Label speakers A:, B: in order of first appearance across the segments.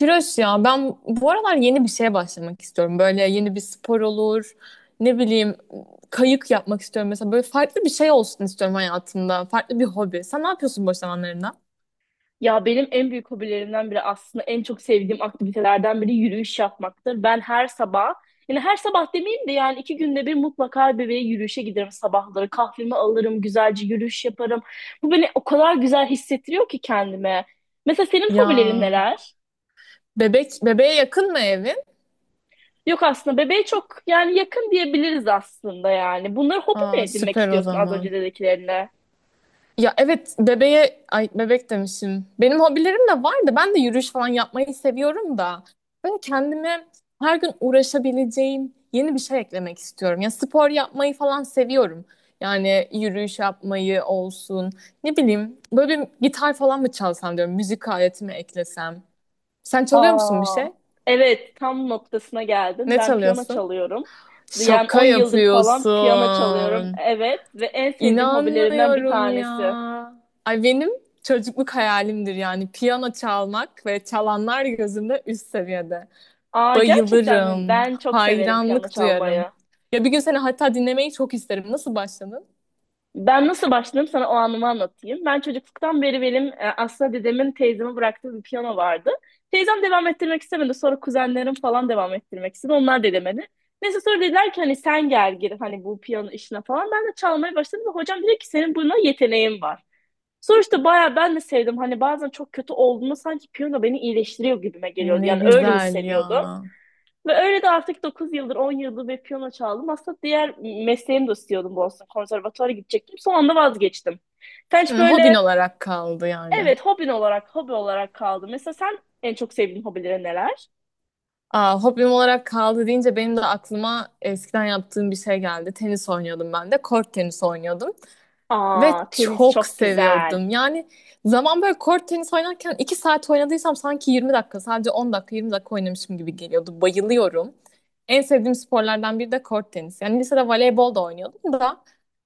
A: Tiroş ya ben bu aralar yeni bir şeye başlamak istiyorum. Böyle yeni bir spor olur. Ne bileyim kayık yapmak istiyorum mesela. Böyle farklı bir şey olsun istiyorum hayatımda. Farklı bir hobi. Sen ne yapıyorsun boş zamanlarında?
B: Ya benim en büyük hobilerimden biri aslında en çok sevdiğim aktivitelerden biri yürüyüş yapmaktır. Ben her sabah, yani her sabah demeyeyim de yani 2 günde bir mutlaka bebeğe yürüyüşe giderim sabahları. Kahvemi alırım, güzelce yürüyüş yaparım. Bu beni o kadar güzel hissettiriyor ki kendime. Mesela senin
A: Ya
B: hobilerin neler?
A: bebeğe yakın mı evin?
B: Yok aslında bebeğe çok yani yakın diyebiliriz aslında yani. Bunları hobi mi
A: Aa,
B: edinmek
A: süper o
B: istiyorsun az
A: zaman.
B: önce dediklerine?
A: Ya evet bebeğe ay bebek demişim. Benim hobilerim de var da ben de yürüyüş falan yapmayı seviyorum da. Böyle kendime her gün uğraşabileceğim yeni bir şey eklemek istiyorum. Ya spor yapmayı falan seviyorum. Yani yürüyüş yapmayı olsun. Ne bileyim böyle bir gitar falan mı çalsam diyorum. Müzik aletimi eklesem. Sen çalıyor musun bir
B: Aa,
A: şey?
B: evet tam noktasına geldin.
A: Ne
B: Ben piyano
A: çalıyorsun?
B: çalıyorum. Yani
A: Şaka
B: 10 yıldır falan piyano çalıyorum.
A: yapıyorsun.
B: Evet ve en sevdiğim hobilerimden bir
A: İnanmıyorum ya.
B: tanesi.
A: Ay benim çocukluk hayalimdir yani piyano çalmak ve çalanlar gözümde üst seviyede.
B: Aa gerçekten mi?
A: Bayılırım,
B: Ben çok severim piyano
A: hayranlık duyarım.
B: çalmayı.
A: Ya bir gün seni hatta dinlemeyi çok isterim. Nasıl başladın?
B: Ben nasıl başladım sana o anımı anlatayım. Ben çocukluktan beri benim aslında dedemin teyzeme bıraktığı bir piyano vardı. Teyzem devam ettirmek istemedi. Sonra kuzenlerim falan devam ettirmek istedi. Onlar da demedi. Neyse sonra dediler ki hani sen gel gir hani bu piyano işine falan. Ben de çalmaya başladım ve hocam dedi ki senin buna yeteneğin var. Sonra işte bayağı ben de sevdim. Hani bazen çok kötü olduğumda sanki piyano beni iyileştiriyor gibime geliyordu.
A: Ne
B: Yani öyle
A: güzel ya.
B: hissediyordum. Ve öyle de artık 9 yıldır 10 yıldır ve piyano çaldım. Aslında diğer mesleğimi de istiyordum, Boston Konservatuvar'a gidecektim. Son anda vazgeçtim. Sen hiç
A: Hı, hobin
B: böyle
A: olarak kaldı yani.
B: evet, hobi olarak kaldı. Mesela sen en çok sevdiğin hobilerin neler?
A: Aa, hobim olarak kaldı deyince benim de aklıma eskiden yaptığım bir şey geldi. Tenis oynuyordum ben de. Kort tenisi oynuyordum. Ve
B: Aa, tenis
A: çok
B: çok güzel.
A: seviyordum. Yani zaman böyle kort tenis oynarken 2 saat oynadıysam sanki 20 dakika, sadece 10 dakika 20 dakika oynamışım gibi geliyordu. Bayılıyorum. En sevdiğim sporlardan biri de kort tenis. Yani lisede voleybol da oynuyordum da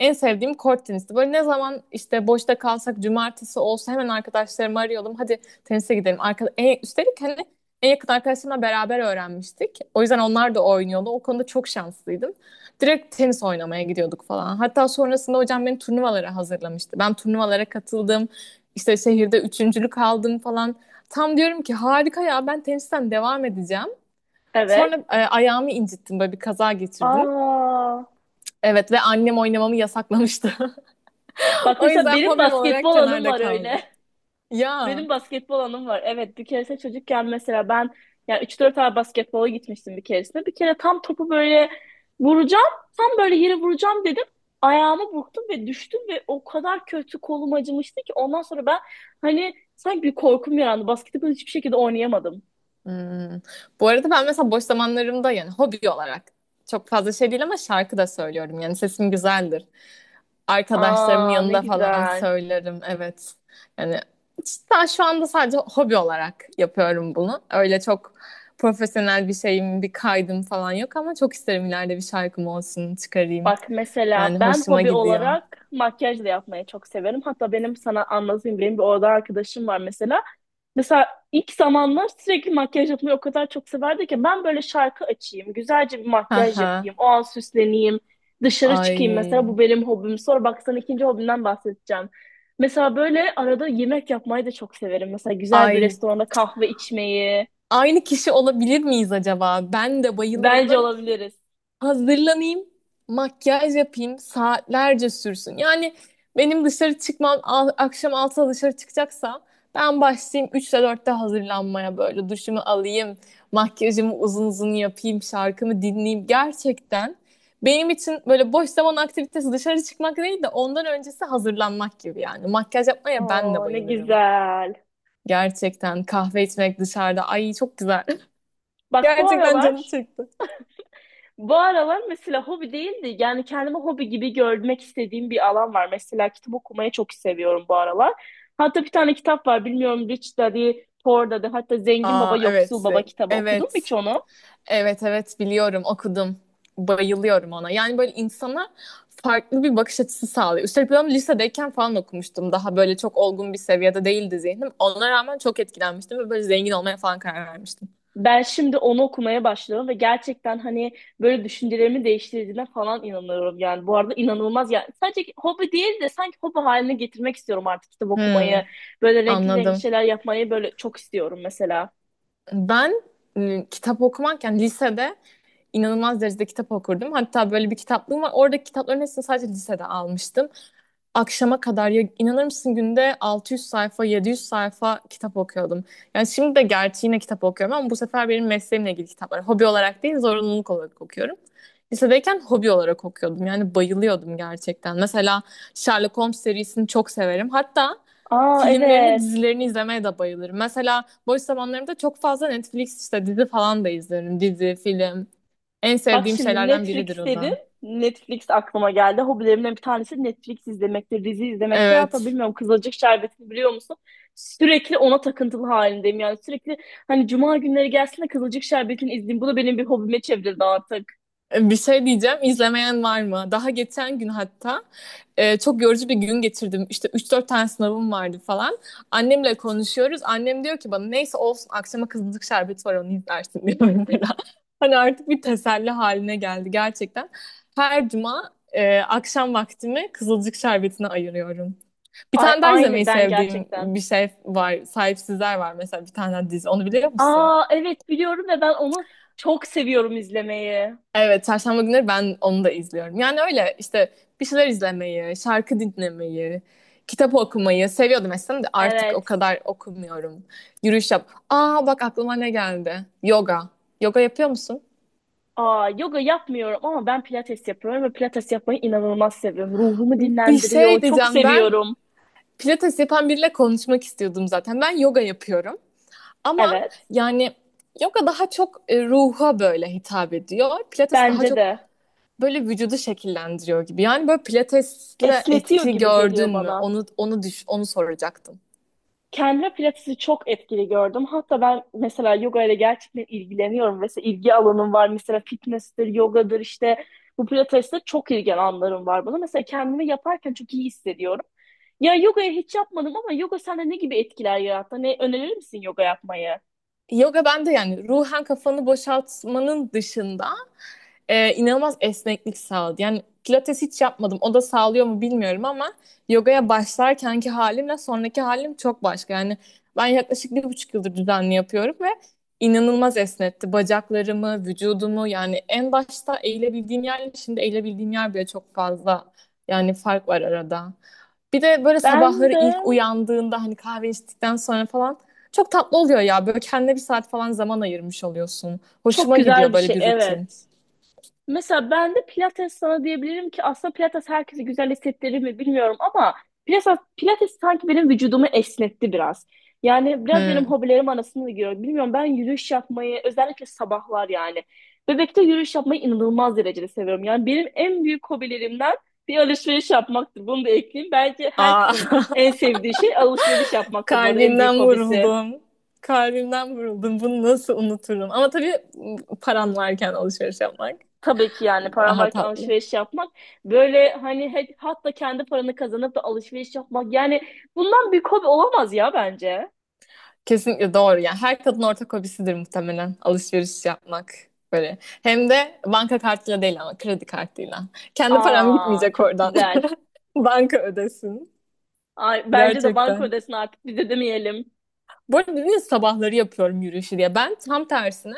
A: en sevdiğim kort tenisti. Böyle ne zaman işte boşta kalsak cumartesi olsa hemen arkadaşlarımı arıyordum. Hadi tenise gidelim. Üstelik hani en yakın arkadaşlarımla beraber öğrenmiştik. O yüzden onlar da oynuyordu. O konuda çok şanslıydım. Direkt tenis oynamaya gidiyorduk falan. Hatta sonrasında hocam beni turnuvalara hazırlamıştı. Ben turnuvalara katıldım. İşte şehirde üçüncülük aldım falan. Tam diyorum ki harika ya ben tenisten devam edeceğim.
B: Evet.
A: Sonra ayağımı incittim, böyle bir kaza geçirdim.
B: Aa,
A: Evet ve annem oynamamı yasaklamıştı.
B: bak
A: O
B: mesela
A: yüzden
B: benim
A: hobim olarak
B: basketbol anım
A: kenarda
B: var
A: kaldı.
B: öyle.
A: Ya.
B: Benim basketbol anım var. Evet bir keresinde çocukken mesela ben yani üç 4 ay basketbola gitmiştim bir keresinde. Bir kere tam topu böyle vuracağım. Tam böyle yere vuracağım dedim. Ayağımı burktum ve düştüm ve o kadar kötü kolum acımıştı ki ondan sonra ben hani sanki bir korkum yarandı. Basketbol hiçbir şekilde oynayamadım.
A: Hmm. Bu arada ben mesela boş zamanlarımda yani hobi olarak çok fazla şey değil ama şarkı da söylüyorum. Yani sesim güzeldir. Arkadaşlarımın
B: Aa, ne
A: yanında falan
B: güzel.
A: söylerim. Evet. Yani daha şu anda sadece hobi olarak yapıyorum bunu. Öyle çok profesyonel bir şeyim, bir kaydım falan yok ama çok isterim ileride bir şarkım olsun, çıkarayım.
B: Bak
A: Yani
B: mesela ben
A: hoşuma
B: hobi
A: gidiyor.
B: olarak makyaj da yapmayı çok severim. Hatta benim sana anlatayım, benim bir orada arkadaşım var mesela. Mesela ilk zamanlar sürekli makyaj yapmayı o kadar çok severdi ki ben böyle şarkı açayım, güzelce bir makyaj
A: Aha.
B: yapayım, o an süsleneyim, dışarı çıkayım mesela, bu
A: Ay.
B: benim hobim. Sonra bak sana ikinci hobimden bahsedeceğim. Mesela böyle arada yemek yapmayı da çok severim. Mesela güzel bir
A: Ay.
B: restoranda kahve içmeyi.
A: Aynı kişi olabilir miyiz acaba? Ben de bayılırım.
B: Bence
A: Böyle
B: olabiliriz.
A: hazırlanayım, makyaj yapayım, saatlerce sürsün. Yani benim dışarı çıkmam akşam 6'da dışarı çıkacaksam ben başlayayım üçte dörtte hazırlanmaya, böyle duşumu alayım, makyajımı uzun uzun yapayım, şarkımı dinleyeyim. Gerçekten benim için böyle boş zaman aktivitesi dışarı çıkmak değil de ondan öncesi hazırlanmak gibi yani. Makyaj yapmaya ben de
B: Aa, ne
A: bayılırım.
B: güzel.
A: Gerçekten kahve içmek dışarıda, ay çok güzel.
B: Bak bu
A: Gerçekten canım
B: aralar
A: çekti.
B: Bu aralar mesela hobi değildi, yani kendimi hobi gibi görmek istediğim bir alan var. Mesela kitap okumayı çok seviyorum bu aralar. Hatta bir tane kitap var, bilmiyorum, Rich Daddy Poor Daddy, hatta Zengin Baba
A: Aa
B: Yoksul
A: evet.
B: Baba kitabı, okudun mu
A: Evet.
B: hiç onu?
A: Evet evet biliyorum, okudum. Bayılıyorum ona. Yani böyle insana farklı bir bakış açısı sağlıyor. Üstelik ben onu lisedeyken falan okumuştum. Daha böyle çok olgun bir seviyede değildi zihnim. Ona rağmen çok etkilenmiştim ve böyle zengin olmaya falan karar vermiştim.
B: Ben şimdi onu okumaya başladım ve gerçekten hani böyle düşüncelerimi değiştirdiğine falan inanıyorum yani. Bu arada inanılmaz yani. Sadece hobi değil de sanki hobi haline getirmek istiyorum artık kitap
A: Hmm,
B: okumayı. Böyle renkli renkli
A: anladım.
B: şeyler yapmayı böyle çok istiyorum mesela.
A: Ben kitap okumarken lisede inanılmaz derecede kitap okurdum. Hatta böyle bir kitaplığım var. Oradaki kitapların hepsini sadece lisede almıştım. Akşama kadar, ya inanır mısın, günde 600 sayfa 700 sayfa kitap okuyordum. Yani şimdi de gerçi yine kitap okuyorum ama bu sefer benim mesleğimle ilgili kitaplar. Hobi olarak değil zorunluluk olarak okuyorum. Lisedeyken hobi olarak okuyordum. Yani bayılıyordum gerçekten. Mesela Sherlock Holmes serisini çok severim. Hatta
B: Aa
A: filmlerini,
B: evet.
A: dizilerini izlemeye de bayılırım. Mesela boş zamanlarımda çok fazla Netflix işte dizi falan da izlerim. Dizi, film. En
B: Bak
A: sevdiğim
B: şimdi
A: şeylerden biridir
B: Netflix
A: o
B: dedin.
A: da.
B: Netflix aklıma geldi. Hobilerimden bir tanesi Netflix izlemektir, dizi izlemektir. Hatta
A: Evet.
B: bilmiyorum, Kızılcık Şerbeti'ni biliyor musun? Sürekli ona takıntılı halindeyim. Yani sürekli hani cuma günleri gelsin de Kızılcık Şerbeti'ni izleyeyim. Bu da benim bir hobime çevrildi artık.
A: Bir şey diyeceğim, izlemeyen var mı? Daha geçen gün hatta çok yorucu bir gün geçirdim. İşte üç dört tane sınavım vardı falan. Annemle konuşuyoruz. Annem diyor ki bana, neyse olsun akşama kızılcık şerbeti var onu izlersin, diyor mesela. Hani artık bir teselli haline geldi gerçekten. Her cuma akşam vaktimi kızılcık şerbetine ayırıyorum. Bir
B: Ay,
A: tane daha izlemeyi
B: aynı ben
A: sevdiğim
B: gerçekten.
A: bir şey var. Sahipsizler var mesela, bir tane daha dizi. Onu biliyor musun?
B: Aa evet, biliyorum ve ben onu çok seviyorum izlemeyi.
A: Evet, çarşamba günleri ben onu da izliyorum. Yani öyle işte bir şeyler izlemeyi, şarkı dinlemeyi, kitap okumayı seviyordum eskiden de artık o
B: Evet.
A: kadar okumuyorum. Yürüyüş yap. Aa bak aklıma ne geldi. Yoga. Yoga yapıyor musun?
B: Aa, yoga yapmıyorum ama ben pilates yapıyorum ve pilates yapmayı inanılmaz seviyorum. Ruhumu
A: Bir şey
B: dinlendiriyor. Çok
A: diyeceğim, ben
B: seviyorum.
A: pilates yapan biriyle konuşmak istiyordum zaten. Ben yoga yapıyorum ama
B: Evet.
A: yani yoga daha çok ruha böyle hitap ediyor. Pilates daha
B: Bence
A: çok
B: de.
A: böyle vücudu şekillendiriyor gibi. Yani böyle pilatesle
B: Esnetiyor
A: etki
B: gibi
A: gördün
B: geliyor
A: mü?
B: bana.
A: Onu soracaktım.
B: Kendime pilatesi çok etkili gördüm. Hatta ben mesela yoga ile gerçekten ilgileniyorum. Mesela ilgi alanım var. Mesela fitness'tir, yogadır işte. Bu pilatesle çok ilgili alanlarım var bana. Mesela kendimi yaparken çok iyi hissediyorum. Ya yogayı hiç yapmadım ama yoga sende ne gibi etkiler yarattı? Ne önerir misin yoga yapmayı?
A: Yoga, ben de yani ruhen kafanı boşaltmanın dışında inanılmaz esneklik sağladı. Yani pilates hiç yapmadım. O da sağlıyor mu bilmiyorum ama yogaya başlarkenki halimle sonraki halim çok başka. Yani ben yaklaşık bir buçuk yıldır düzenli yapıyorum ve inanılmaz esnetti. Bacaklarımı, vücudumu, yani en başta eğilebildiğim yerle şimdi eğilebildiğim yer bile çok fazla. Yani fark var arada. Bir de böyle
B: Ben
A: sabahları
B: de
A: ilk uyandığında hani kahve içtikten sonra falan çok tatlı oluyor ya. Böyle kendine bir saat falan zaman ayırmış oluyorsun.
B: çok
A: Hoşuma gidiyor
B: güzel bir
A: böyle
B: şey.
A: bir rutin.
B: Evet. Mesela ben de Pilates sana diyebilirim ki aslında Pilates herkese güzel hissettirir mi bilmiyorum ama Pilates, Pilates sanki benim vücudumu esnetti biraz. Yani biraz benim
A: Hmm.
B: hobilerim arasında da giriyor. Bilmiyorum, ben yürüyüş yapmayı özellikle sabahlar yani. Bebekte yürüyüş yapmayı inanılmaz derecede seviyorum. Yani benim en büyük hobilerimden bir, alışveriş yapmaktır. Bunu da ekleyeyim. Bence
A: Aa,
B: herkesin en sevdiği şey alışveriş yapmaktır bu arada, en büyük
A: kalbimden
B: hobisi.
A: vuruldum. Kalbimden vuruldum. Bunu nasıl unuturum? Ama tabii paran varken alışveriş yapmak
B: Tabii ki, yani paran
A: daha
B: varken
A: tatlı.
B: alışveriş yapmak böyle hani hatta kendi paranı kazanıp da alışveriş yapmak, yani bundan büyük hobi olamaz ya bence.
A: Kesinlikle doğru. Yani her kadın ortak hobisidir muhtemelen alışveriş yapmak. Böyle. Hem de banka kartıyla değil ama kredi kartıyla. Kendi param
B: Aa
A: bitmeyecek
B: çok
A: oradan.
B: güzel.
A: Banka ödesin.
B: Ay, bence de banka
A: Gerçekten.
B: ödesin, artık bize demeyelim.
A: Bu arada dedin sabahları yapıyorum yürüyüşü diye. Ben tam tersine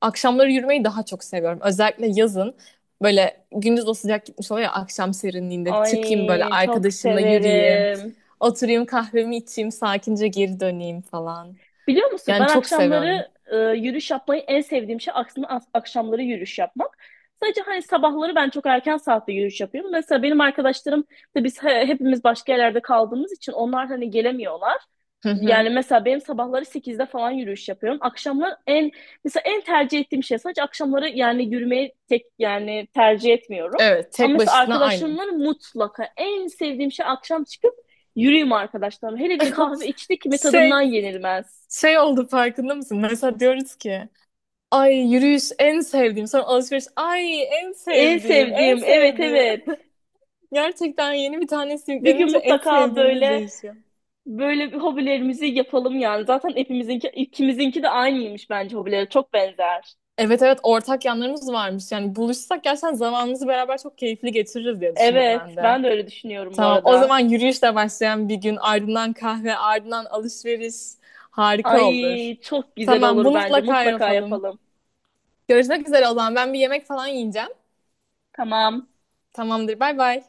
A: akşamları yürümeyi daha çok seviyorum. Özellikle yazın böyle gündüz o sıcak gitmiş oluyor ya, akşam serinliğinde çıkayım böyle
B: Ay çok
A: arkadaşımla yürüyeyim.
B: severim.
A: Oturayım kahvemi içeyim sakince geri döneyim falan.
B: Biliyor musun,
A: Yani
B: ben
A: çok seviyorum.
B: akşamları yürüyüş yapmayı en sevdiğim şey, aksine akşamları yürüyüş yapmak. Sadece hani sabahları ben çok erken saatte yürüyüş yapıyorum. Mesela benim arkadaşlarım da biz hepimiz başka yerlerde kaldığımız için onlar hani gelemiyorlar.
A: Hı hı.
B: Yani mesela benim sabahları 8'de falan yürüyüş yapıyorum. Akşamlar en mesela en tercih ettiğim şey sadece akşamları, yani yürümeyi tek yani tercih etmiyorum.
A: Evet,
B: Ama
A: tek
B: mesela
A: başına aynen.
B: arkadaşlarımla mutlaka en sevdiğim şey akşam çıkıp yürüyeyim arkadaşlarım. Hele bir kahve içtik mi tadından
A: Şey
B: yenilmez.
A: şey oldu farkında mısın? Mesela diyoruz ki ay yürüyüş en sevdiğim, sonra alışveriş ay en
B: En
A: sevdiğim, en
B: sevdiğim. Evet,
A: sevdiğim.
B: evet.
A: Gerçekten yeni bir tanesi
B: Bir gün
A: yüklenince en
B: mutlaka
A: sevdiğimiz
B: böyle
A: değişiyor.
B: bir hobilerimizi yapalım yani. Zaten hepimizinki, ikimizinki de aynıymış bence hobileri. Çok benzer.
A: Evet evet, ortak yanlarımız varmış. Yani buluşsak gerçekten zamanımızı beraber çok keyifli geçiririz diye düşündüm ben
B: Evet,
A: de.
B: ben de öyle düşünüyorum bu
A: Tamam o zaman,
B: arada.
A: yürüyüşle başlayan bir gün, ardından kahve, ardından alışveriş, harika olur.
B: Ay, çok güzel
A: Tamam,
B: olur
A: bunu
B: bence.
A: mutlaka
B: Mutlaka
A: yapalım.
B: yapalım.
A: Görüşmek üzere o zaman, ben bir yemek falan yiyeceğim.
B: Tamam.
A: Tamamdır, bay bay.